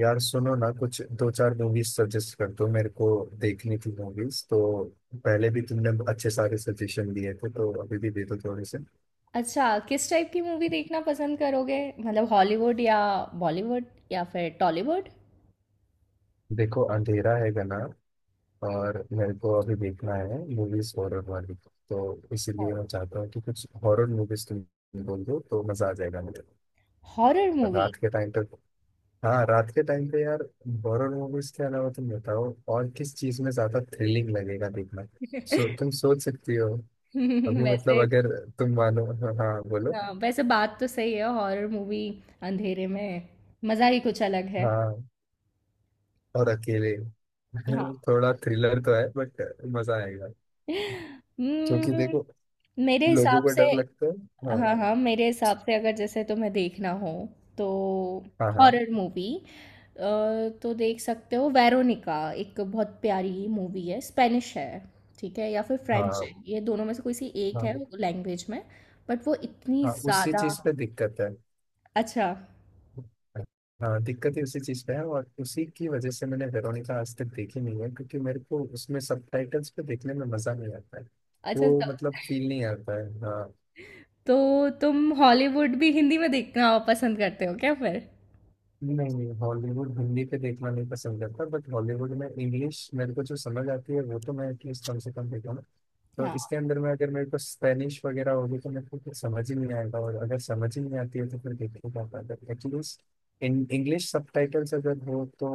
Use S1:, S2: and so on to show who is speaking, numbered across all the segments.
S1: यार सुनो ना कुछ दो चार मूवीज सजेस्ट कर दो मेरे को। देखनी थी मूवीज तो पहले भी तुमने अच्छे सारे सजेशन दिए थे, तो अभी भी दे दो थोड़े से।
S2: अच्छा, किस टाइप की मूवी देखना पसंद करोगे? मतलब हॉलीवुड या बॉलीवुड या फिर टॉलीवुड?
S1: देखो अंधेरा है गाना, और मेरे को अभी देखना है मूवीज हॉरर वाली, तो इसीलिए मैं चाहता हूँ कि कुछ हॉरर मूवीज तुम बोल दो तो मजा आ जाएगा मुझे।
S2: Horror movie?
S1: रात के टाइम पे। हाँ, रात के टाइम पे यार। हॉरर मूवीज के अलावा तुम बताओ और किस चीज में ज्यादा थ्रिलिंग लगेगा देखना। सो तुम सोच सकती हो। अभी मतलब
S2: वैसे,
S1: अगर तुम मानो। हाँ बोलो।
S2: हाँ, वैसे बात तो सही है। हॉरर मूवी अंधेरे में मज़ा ही कुछ अलग है।
S1: हाँ और अकेले।
S2: हाँ।
S1: थोड़ा थ्रिलर तो है बट मजा आएगा, क्योंकि
S2: उम्म,
S1: देखो
S2: मेरे
S1: लोगों
S2: हिसाब
S1: को
S2: से,
S1: डर लगता है। हाँ,
S2: हाँ, हाँ, मेरे हिसाब से अगर जैसे तुम्हें देखना हो तो
S1: हाँ, हाँ,
S2: हॉरर मूवी तो देख सकते हो। वेरोनिका एक बहुत प्यारी मूवी है, स्पेनिश है, ठीक है, या फिर फ्रेंच
S1: हाँ,
S2: है, ये दोनों में से कोई सी एक है
S1: हाँ,
S2: लैंग्वेज में, बट वो इतनी
S1: हाँ उसी
S2: ज़्यादा।
S1: चीज पे दिक्कत है।
S2: अच्छा,
S1: हाँ, दिक्कत ही उसी चीज पे है और उसी की वजह से मैंने वेरोनिका आज तक देखी नहीं है, क्योंकि मेरे को उसमें सबटाइटल्स पे देखने में मजा नहीं आता है।
S2: अच्छा।
S1: वो
S2: तो
S1: मतलब फील नहीं आता है। हाँ।
S2: तो तुम हॉलीवुड भी हिंदी में देखना पसंद करते हो क्या फिर?
S1: नहीं, नहीं, हॉलीवुड हिंदी पे देखना नहीं पसंद करता, बट हॉलीवुड में इंग्लिश मेरे को जो समझ आती है वो तो मैं एटलीस्ट कम से कम देखूँ। तो इसके अंदर में अगर मेरे को स्पेनिश वगैरह होगी तो मेरे को फिर समझ ही नहीं आएगा, और अगर समझ ही नहीं आती है तो फिर देखने क्या फायदा, एटलीस्ट इन इंग्लिश सबटाइटल्स अगर हो तो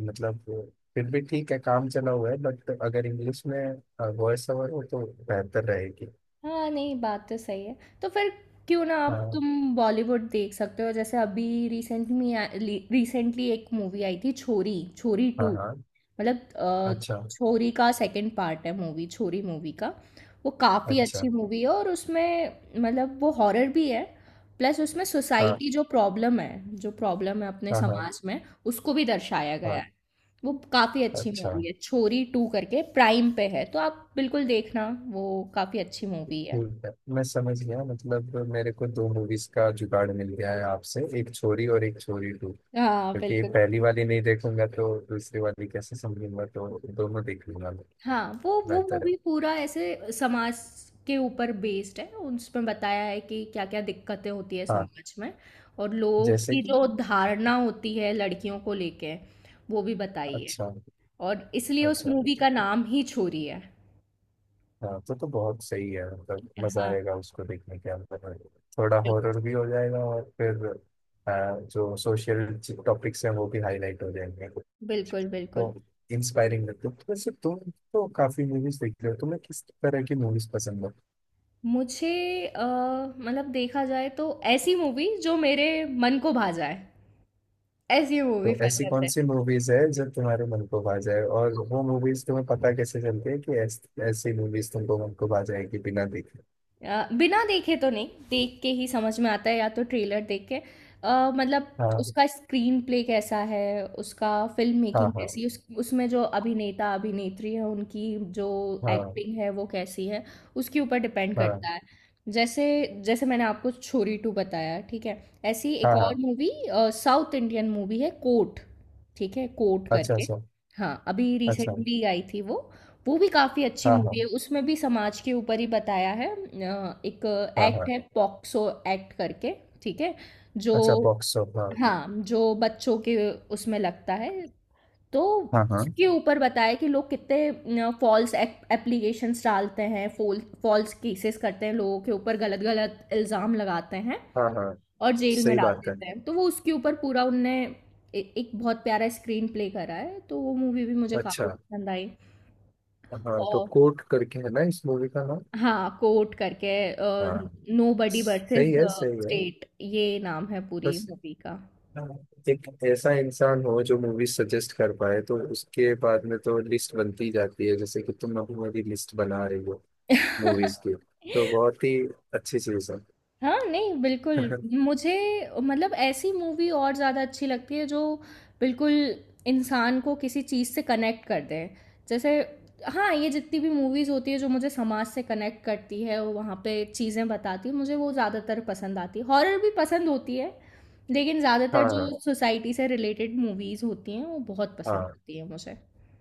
S1: मतलब फिर भी ठीक है, काम चला हुआ है, बट अगर इंग्लिश में वॉइस ओवर हो तो बेहतर रहेगी।
S2: हाँ, नहीं बात तो सही है। तो फिर क्यों ना, आप
S1: हाँ,
S2: तुम बॉलीवुड देख सकते हो, जैसे अभी रिसेंट में रिसेंटली एक मूवी आई थी, छोरी छोरी
S1: हाँ,
S2: टू।
S1: हाँ।
S2: मतलब
S1: अच्छा।
S2: छोरी का सेकंड पार्ट है, मूवी छोरी मूवी का। वो काफ़ी
S1: अच्छा।
S2: अच्छी मूवी है, और उसमें मतलब वो हॉरर भी है। प्लस उसमें
S1: हाँ,
S2: सोसाइटी जो प्रॉब्लम है, जो प्रॉब्लम है अपने
S1: हाँ, हाँ,
S2: समाज में, उसको भी दर्शाया गया
S1: हाँ।
S2: है। वो काफ़ी अच्छी
S1: अच्छा।
S2: मूवी है। छोरी टू करके प्राइम पे है, तो आप बिल्कुल देखना। वो काफ़ी अच्छी मूवी है।
S1: ठीक है, मैं समझ गया, मतलब मेरे को दो मूवीज का जुगाड़ मिल गया है आपसे, एक छोरी और एक छोरी टू।
S2: हाँ
S1: क्योंकि ये
S2: बिल्कुल।
S1: पहली वाली नहीं देखूंगा तो दूसरी वाली कैसे समझूंगा, तो दोनों देख लूंगा मैं।
S2: हाँ, वो
S1: बेहतर है।
S2: मूवी पूरा ऐसे समाज के ऊपर बेस्ड है। उसमें बताया है कि क्या क्या दिक्कतें होती है
S1: हाँ।
S2: समाज में, और लोग
S1: जैसे
S2: की
S1: कि।
S2: जो धारणा होती है लड़कियों को लेके, वो भी बताई है।
S1: अच्छा।
S2: और इसलिए उस
S1: अच्छा।
S2: मूवी का नाम ही छोरी है।
S1: हाँ, तो बहुत सही है, मतलब मजा
S2: हाँ,
S1: आएगा उसको देखने के अंदर। थोड़ा
S2: बिल-
S1: हॉरर भी हो जाएगा, और फिर जो सोशल टॉपिक्स हैं वो भी हाईलाइट हो जाएंगे।
S2: बिल्कुल बिल्कुल।
S1: तो इंस्पायरिंग लगता है। तो वैसे तुम तो काफी मूवीज देखते हो, तुम्हें किस तरह की मूवीज पसंद है?
S2: मुझे अ, मतलब देखा जाए तो ऐसी मूवी जो मेरे मन को भा जाए, ऐसी मूवी
S1: तो ऐसी
S2: पसंद
S1: कौन
S2: है।
S1: सी मूवीज है जो तुम्हारे मन को भा जाए, और वो मूवीज तुम्हें पता कैसे चलती है कि ऐसी मूवीज तुमको मन को भा जाएगी बिना देखे?
S2: बिना देखे तो नहीं, देख के ही समझ में आता है, या तो ट्रेलर देख के। मतलब
S1: हाँ,
S2: उसका स्क्रीन प्ले कैसा है, उसका फिल्म
S1: हाँ,
S2: मेकिंग
S1: हाँ,
S2: कैसी है, उसमें जो अभिनेता अभिनेत्री है उनकी जो
S1: हाँ,
S2: एक्टिंग है वो कैसी है, उसके ऊपर डिपेंड
S1: हाँ,
S2: करता है। जैसे जैसे मैंने आपको छोरी टू बताया, ठीक है। ऐसी एक
S1: हाँ, हाँ।
S2: और मूवी, साउथ इंडियन मूवी है, कोट। ठीक है, कोट
S1: अच्छा।
S2: करके।
S1: अच्छा।
S2: हाँ, अभी
S1: अच्छा।
S2: रिसेंटली आई थी वो। वो भी काफ़ी अच्छी
S1: हाँ, हाँ,
S2: मूवी है, उसमें भी समाज के ऊपर ही बताया है। एक
S1: हाँ,
S2: एक्ट
S1: हाँ।
S2: है, पॉक्सो एक्ट करके, ठीक है, जो,
S1: अच्छा, बॉक्स ऑफ, हाँ।
S2: हाँ, जो बच्चों के उसमें लगता है। तो
S1: हाँ, हाँ,
S2: उसके ऊपर बताया कि लोग कितने फॉल्स एप्लीकेशंस डालते हैं, फॉल्स केसेस करते हैं, लोगों के ऊपर गलत गलत इल्ज़ाम लगाते हैं,
S1: हाँ, हाँ।
S2: और जेल में
S1: सही
S2: डाल
S1: बात है।
S2: देते हैं। तो वो उसके ऊपर पूरा उनने एक बहुत प्यारा स्क्रीन प्ले करा है, तो वो मूवी भी मुझे
S1: अच्छा।
S2: काफ़ी पसंद
S1: हाँ, तो
S2: आई।
S1: कोर्ट करके है ना इस मूवी का नाम?
S2: हाँ, कोट करके। अ, हुँ।
S1: हाँ।
S2: नोबडी वर्सेस
S1: सही है, सही है।
S2: स्टेट, ये नाम है पूरी
S1: बस।
S2: मूवी का।
S1: हाँ, एक ऐसा इंसान हो जो मूवी सजेस्ट कर पाए तो उसके बाद में तो लिस्ट बनती जाती है, जैसे कि तुम अभी मेरी लिस्ट बना रही हो मूवीज की, तो बहुत ही अच्छी चीज है।
S2: हाँ, नहीं बिल्कुल, मुझे मतलब ऐसी मूवी और ज़्यादा अच्छी लगती है जो बिल्कुल इंसान को किसी चीज़ से कनेक्ट कर दे। जैसे, हाँ, ये जितनी भी मूवीज़ होती है जो मुझे समाज से कनेक्ट करती है, वो वहाँ पे चीज़ें बताती है, मुझे वो ज़्यादातर पसंद आती है। हॉरर भी पसंद होती है, लेकिन ज़्यादातर
S1: हाँ,
S2: जो सोसाइटी से रिलेटेड मूवीज़ होती हैं, वो बहुत पसंद
S1: हाँ।
S2: होती है मुझे।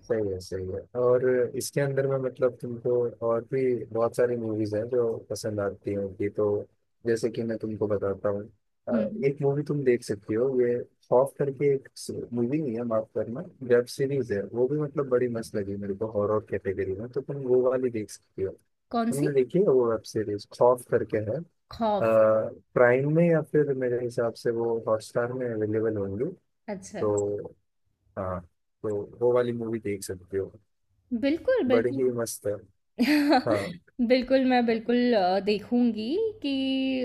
S1: सही है, सही है। और इसके अंदर में मतलब तुमको और भी बहुत सारी मूवीज हैं जो पसंद आती हैं उनकी, तो जैसे कि मैं तुमको बताता हूँ। अ,
S2: हुँ, हुँ।
S1: एक मूवी तुम देख सकती हो, ये खौफ करके। एक मूवी नहीं है, माफ करना, वेब सीरीज है, वो भी मतलब बड़ी मस्त लगी मेरे को हॉरर कैटेगरी में, तो तुम वो वाली देख सकती हो।
S2: कौन-सी?
S1: तुमने देखी है वो वेब सीरीज खौफ करके है?
S2: खौफ।
S1: प्राइम में या फिर मेरे हिसाब से वो हॉटस्टार में अवेलेबल होंगी।
S2: अच्छा।
S1: तो। हाँ। तो वो वाली मूवी देख सकते हो,
S2: बिल्कुल,
S1: बड़ी
S2: बिल्कुल।
S1: ही मस्त है। हाँ,
S2: बिल्कुल, मैं बिल्कुल देखूँगी कि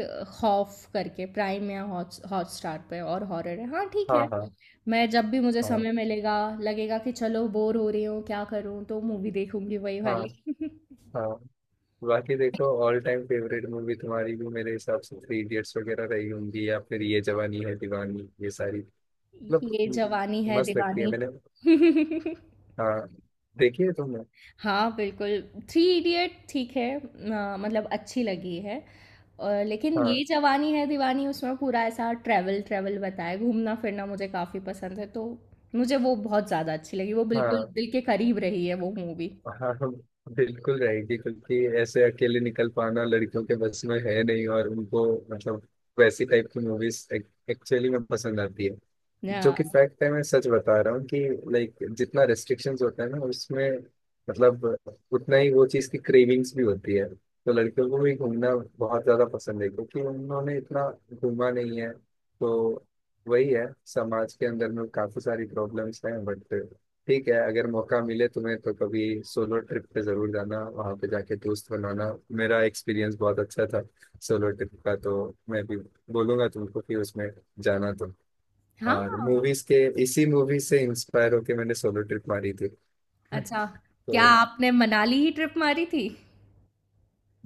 S2: खौफ़ करके प्राइम या हॉट्स हॉटस्टार पे, और हॉरर है। हाँ, ठीक
S1: हाँ,
S2: है।
S1: हाँ,
S2: मैं जब भी, मुझे
S1: हाँ,
S2: समय मिलेगा, लगेगा कि चलो बोर हो रही हूँ, क्या करूँ? तो मूवी देखूँगी वही
S1: हाँ,
S2: वाली।
S1: हाँ। बाकी देखो ऑल टाइम फेवरेट मूवी तुम्हारी भी मेरे हिसाब से थ्री इडियट्स वगैरह रही होंगी, या फिर ये जवानी है दीवानी, ये सारी,
S2: ये
S1: मतलब
S2: जवानी है
S1: मस्त लगती है
S2: दीवानी।
S1: मैंने। हाँ। देखी है तुमने?
S2: हाँ, बिल्कुल, थ्री इडियट ठीक है, मतलब अच्छी लगी है। और लेकिन ये
S1: हाँ,
S2: जवानी है दीवानी, उसमें पूरा ऐसा ट्रैवल-ट्रैवल बताया है, घूमना-फिरना मुझे काफ़ी पसंद है, तो मुझे वो बहुत ज़्यादा अच्छी लगी, वो बिल्कुल
S1: हाँ,
S2: दिल के करीब रही है वो मूवी।
S1: हाँ। हाँ, बिल्कुल रहेगी, क्योंकि ऐसे अकेले निकल पाना लड़कियों के बस में है नहीं, और उनको मतलब वैसी टाइप की मूवीज एक्चुअली में पसंद आती है, जो कि
S2: हाँ,
S1: फैक्ट है, मैं सच बता रहा हूँ कि लाइक जितना रेस्ट्रिक्शंस होता है ना उसमें, मतलब उतना ही वो चीज़ की क्रेविंग्स भी होती है, तो लड़कियों को भी घूमना बहुत ज़्यादा पसंद है, क्योंकि उन्होंने इतना घूमा नहीं है। तो वही है, समाज के अंदर में काफ़ी सारी प्रॉब्लम्स हैं, बट ठीक है, अगर मौका मिले तुम्हें तो कभी सोलो ट्रिप पे ज़रूर जाना, वहाँ पे जाके दोस्त बनाना। मेरा एक्सपीरियंस बहुत अच्छा था सोलो ट्रिप का, तो मैं भी बोलूँगा तुमको कि उसमें जाना तो।
S2: हाँ,
S1: और मूवीज के इसी मूवी से इंस्पायर होके मैंने सोलो ट्रिप मारी थी।
S2: अच्छा,
S1: तो
S2: क्या आपने मनाली ही ट्रिप मारी थी?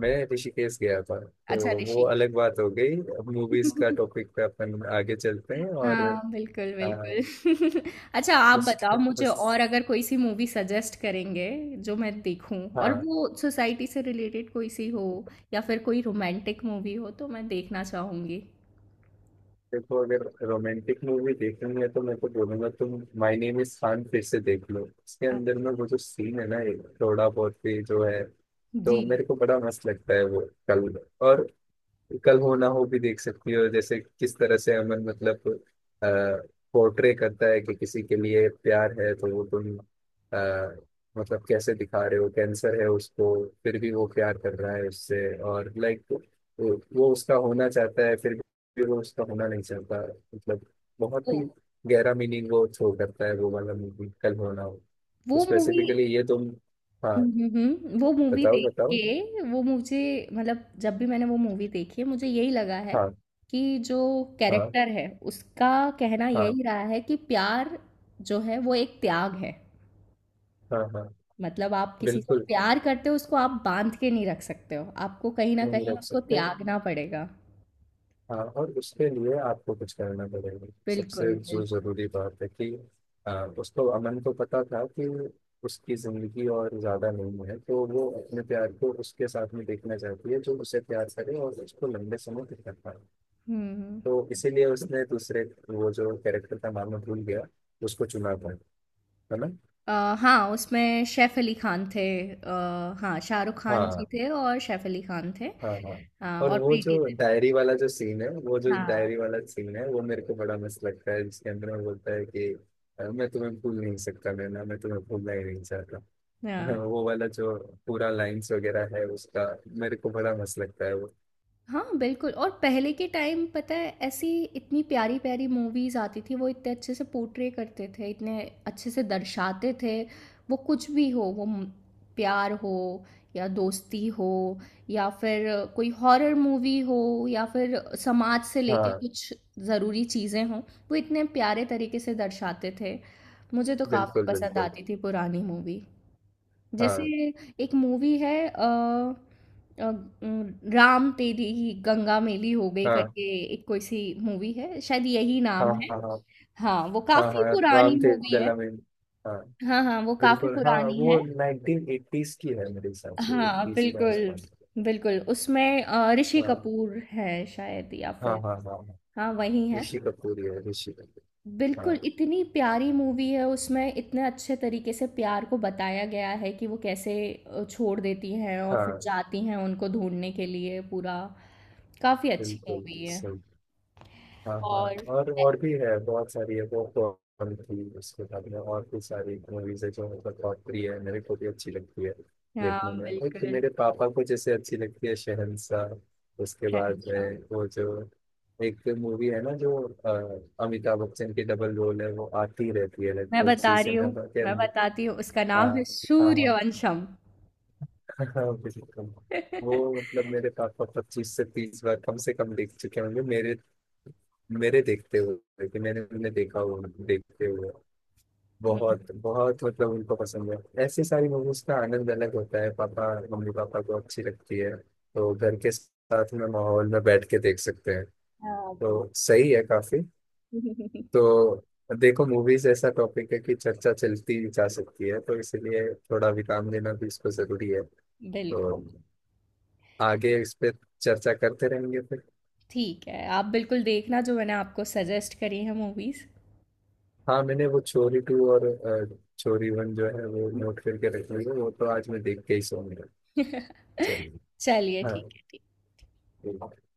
S1: मैं ऋषिकेश गया था।
S2: अच्छा,
S1: तो वो
S2: ऋषिकेश।
S1: अलग बात हो गई, अब मूवीज का टॉपिक पे अपन आगे चलते हैं, और
S2: हाँ, बिल्कुल
S1: आ,
S2: बिल्कुल। अच्छा, आप
S1: उस,
S2: बताओ मुझे,
S1: उस
S2: और अगर कोई सी मूवी सजेस्ट करेंगे जो मैं देखूं, और
S1: हाँ,
S2: वो सोसाइटी से रिलेटेड कोई सी हो, या फिर कोई रोमांटिक मूवी हो, तो मैं देखना चाहूंगी।
S1: देखो अगर रोमांटिक मूवी देखनी है तो मैं तो बोलूंगा तुम माय नेम इज खान फिर से देख लो, उसके
S2: अ,
S1: अंदर में वो जो सीन है ना, ये थोड़ा बहुत भी जो है
S2: जी।
S1: तो मेरे को बड़ा मस्त लगता है वो। कल, और कल हो ना हो भी देख सकती हो, जैसे किस तरह से अमन मतलब पोर्ट्रे करता है कि किसी के लिए प्यार है, तो वो तुम आ, मतलब, कैसे दिखा रहे हो कैंसर है उसको फिर भी वो प्यार कर रहा है उससे, और लाइक वो उसका होना चाहता है फिर भी वो उसका होना नहीं चाहता, मतलब बहुत
S2: वो
S1: ही गहरा मीनिंग वो थ्रो करता है, वो वाला मूवी कल हो ना हो। तो
S2: वो मूवी।
S1: स्पेसिफिकली ये तुम। हाँ।
S2: वो मूवी
S1: बताओ
S2: देख
S1: बताओ।
S2: के वो मुझे मतलब जब भी मैंने वो मूवी देखी है मुझे यही लगा है
S1: हाँ,
S2: कि जो
S1: हाँ,
S2: कैरेक्टर है उसका कहना
S1: हाँ,
S2: यही रहा है कि प्यार जो है वो एक त्याग है।
S1: हाँ, हाँ।
S2: मतलब आप किसी से
S1: बिल्कुल
S2: प्यार करते हो, उसको आप बांध के नहीं रख सकते हो, आपको कहीं ना
S1: नहीं
S2: कहीं
S1: रख
S2: उसको
S1: सकते।
S2: त्यागना पड़ेगा।
S1: हाँ, और उसके लिए आपको कुछ करना पड़ेगा,
S2: बिल्कुल
S1: सबसे जो
S2: बिल्कुल।
S1: जरूरी बात है कि उसको अमन को पता था कि उसकी जिंदगी और ज्यादा नहीं है, तो वो अपने प्यार को उसके साथ में देखना चाहती है जो उसे प्यार करे और उसको लंबे समय तक कर पाए।
S2: हम्म।
S1: तो इसीलिए उसने दूसरे, वो जो कैरेक्टर का नाम मैं भूल गया, उसको चुना था, है ना?
S2: हाँ, उसमें सैफ अली खान थे। हाँ, शाहरुख खान जी
S1: हाँ,
S2: थे, और सैफ अली खान थे।
S1: हाँ, हाँ।
S2: हाँ,
S1: और
S2: और
S1: वो जो
S2: प्रीति जिंटा।
S1: डायरी वाला जो सीन है, वो जो
S2: हाँ।
S1: डायरी वाला सीन है, वो मेरे को बड़ा मस्त लगता है, जिसके अंदर वो बोलता है कि, मैं तुम्हें भूल नहीं सकता नैना, मैं तुम्हें भूलना ही नहीं चाहता।" हाँ,
S2: हाँ,
S1: वो वाला जो पूरा लाइंस वगैरह है उसका मेरे को बड़ा मस्त लगता है वो।
S2: हाँ, बिल्कुल, और पहले के टाइम पता है, ऐसी इतनी प्यारी-प्यारी मूवीज़ आती थी, वो इतने अच्छे से पोर्ट्रे करते थे, इतने अच्छे से दर्शाते थे। वो कुछ भी हो, वो म प्यार हो, या दोस्ती हो, या फिर कोई हॉरर मूवी हो, या फिर समाज से लेके
S1: हाँ,
S2: कुछ ज़रूरी चीज़ें हों, वो इतने प्यारे तरीके से दर्शाते थे। मुझे तो काफ़ी
S1: बिल्कुल,
S2: पसंद
S1: बिल्कुल।
S2: आती थी पुरानी मूवी। जैसे
S1: हाँ,
S2: एक मूवी है, अ, अ, राम तेरी गंगा मेली हो गई
S1: हाँ,
S2: करके, एक कोई सी मूवी है शायद, यही
S1: हाँ,
S2: नाम है।
S1: हाँ, हाँ,
S2: हाँ, वो
S1: हाँ,
S2: काफी
S1: हाँ। राम
S2: पुरानी
S1: थे
S2: मूवी है।
S1: गला में। हाँ।
S2: हाँ हाँ, वो काफी
S1: बिल्कुल। हाँ,
S2: पुरानी
S1: वो
S2: है।
S1: 1980s की है मेरे हिसाब से,
S2: हाँ,
S1: 80s के
S2: बिल्कुल
S1: आसपास।
S2: बिल्कुल, उसमें ऋषि
S1: हाँ,
S2: कपूर है शायद, या
S1: हाँ,
S2: फिर...
S1: हाँ, हाँ, हाँ।
S2: हाँ, वही है।
S1: ऋषि कपूर ही है, ऋषि कपूर। हाँ,
S2: बिल्कुल, इतनी प्यारी मूवी है, उसमें इतने अच्छे तरीके से प्यार को बताया गया है कि वो कैसे छोड़ देती हैं और फिर
S1: हाँ।
S2: जाती हैं उनको ढूँढने के लिए पूरा। काफ़ी अच्छी
S1: बिल्कुल।
S2: मूवी है।
S1: सही। हाँ, हाँ।
S2: और
S1: और भी है बहुत सारी है, वो कौन थी, उसके बाद में और भी सारी मूवीज है, जो मतलब बहुत प्रिय है मेरे को, भी अच्छी लगती है
S2: हाँ,
S1: देखने में। एक तो
S2: बिल्कुल,
S1: मेरे पापा को जैसे अच्छी लगती है शहंशाह, उसके बाद
S2: शहंशाह।
S1: में वो जो एक मूवी है ना, जो अमिताभ बच्चन की डबल रोल है, वो आती रहती है
S2: मैं
S1: लगभग
S2: बता रही
S1: सीजन
S2: हूँ,
S1: के
S2: मैं
S1: अंदर।
S2: बताती हूँ उसका नाम
S1: हाँ,
S2: है
S1: हाँ,
S2: सूर्यवंशम।
S1: हाँ। बिल्कुल। वो मतलब मेरे पापा 25 से 30 बार कम से कम देख चुके होंगे, मेरे मेरे देखते हुए कि मैंने उन्हें देखा हुआ, देखते हुए।
S2: हुँ,
S1: बहुत बहुत मतलब उनको पसंद है, ऐसी सारी मूवीज का आनंद अलग होता है, पापा मम्मी पापा को अच्छी लगती है तो घर के साथ में माहौल में बैठ के देख सकते हैं,
S2: हाँ, बिल्कुल।
S1: तो सही है काफी। तो देखो मूवीज ऐसा टॉपिक है कि चर्चा चलती जा सकती है, तो इसलिए थोड़ा विराम लेना भी इसको जरूरी है,
S2: बिल्कुल,
S1: तो आगे इस पे चर्चा करते रहेंगे फिर।
S2: ठीक है। आप बिल्कुल देखना जो मैंने आपको सजेस्ट करी है मूवीज़।
S1: हाँ, मैंने वो चोरी टू और चोरी वन जो है वो नोट करके रखी है, वो तो आज मैं देख के ही सोऊंगा। चलिए।
S2: चलिए
S1: हाँ।
S2: ठीक है, ठीक।
S1: ठीक।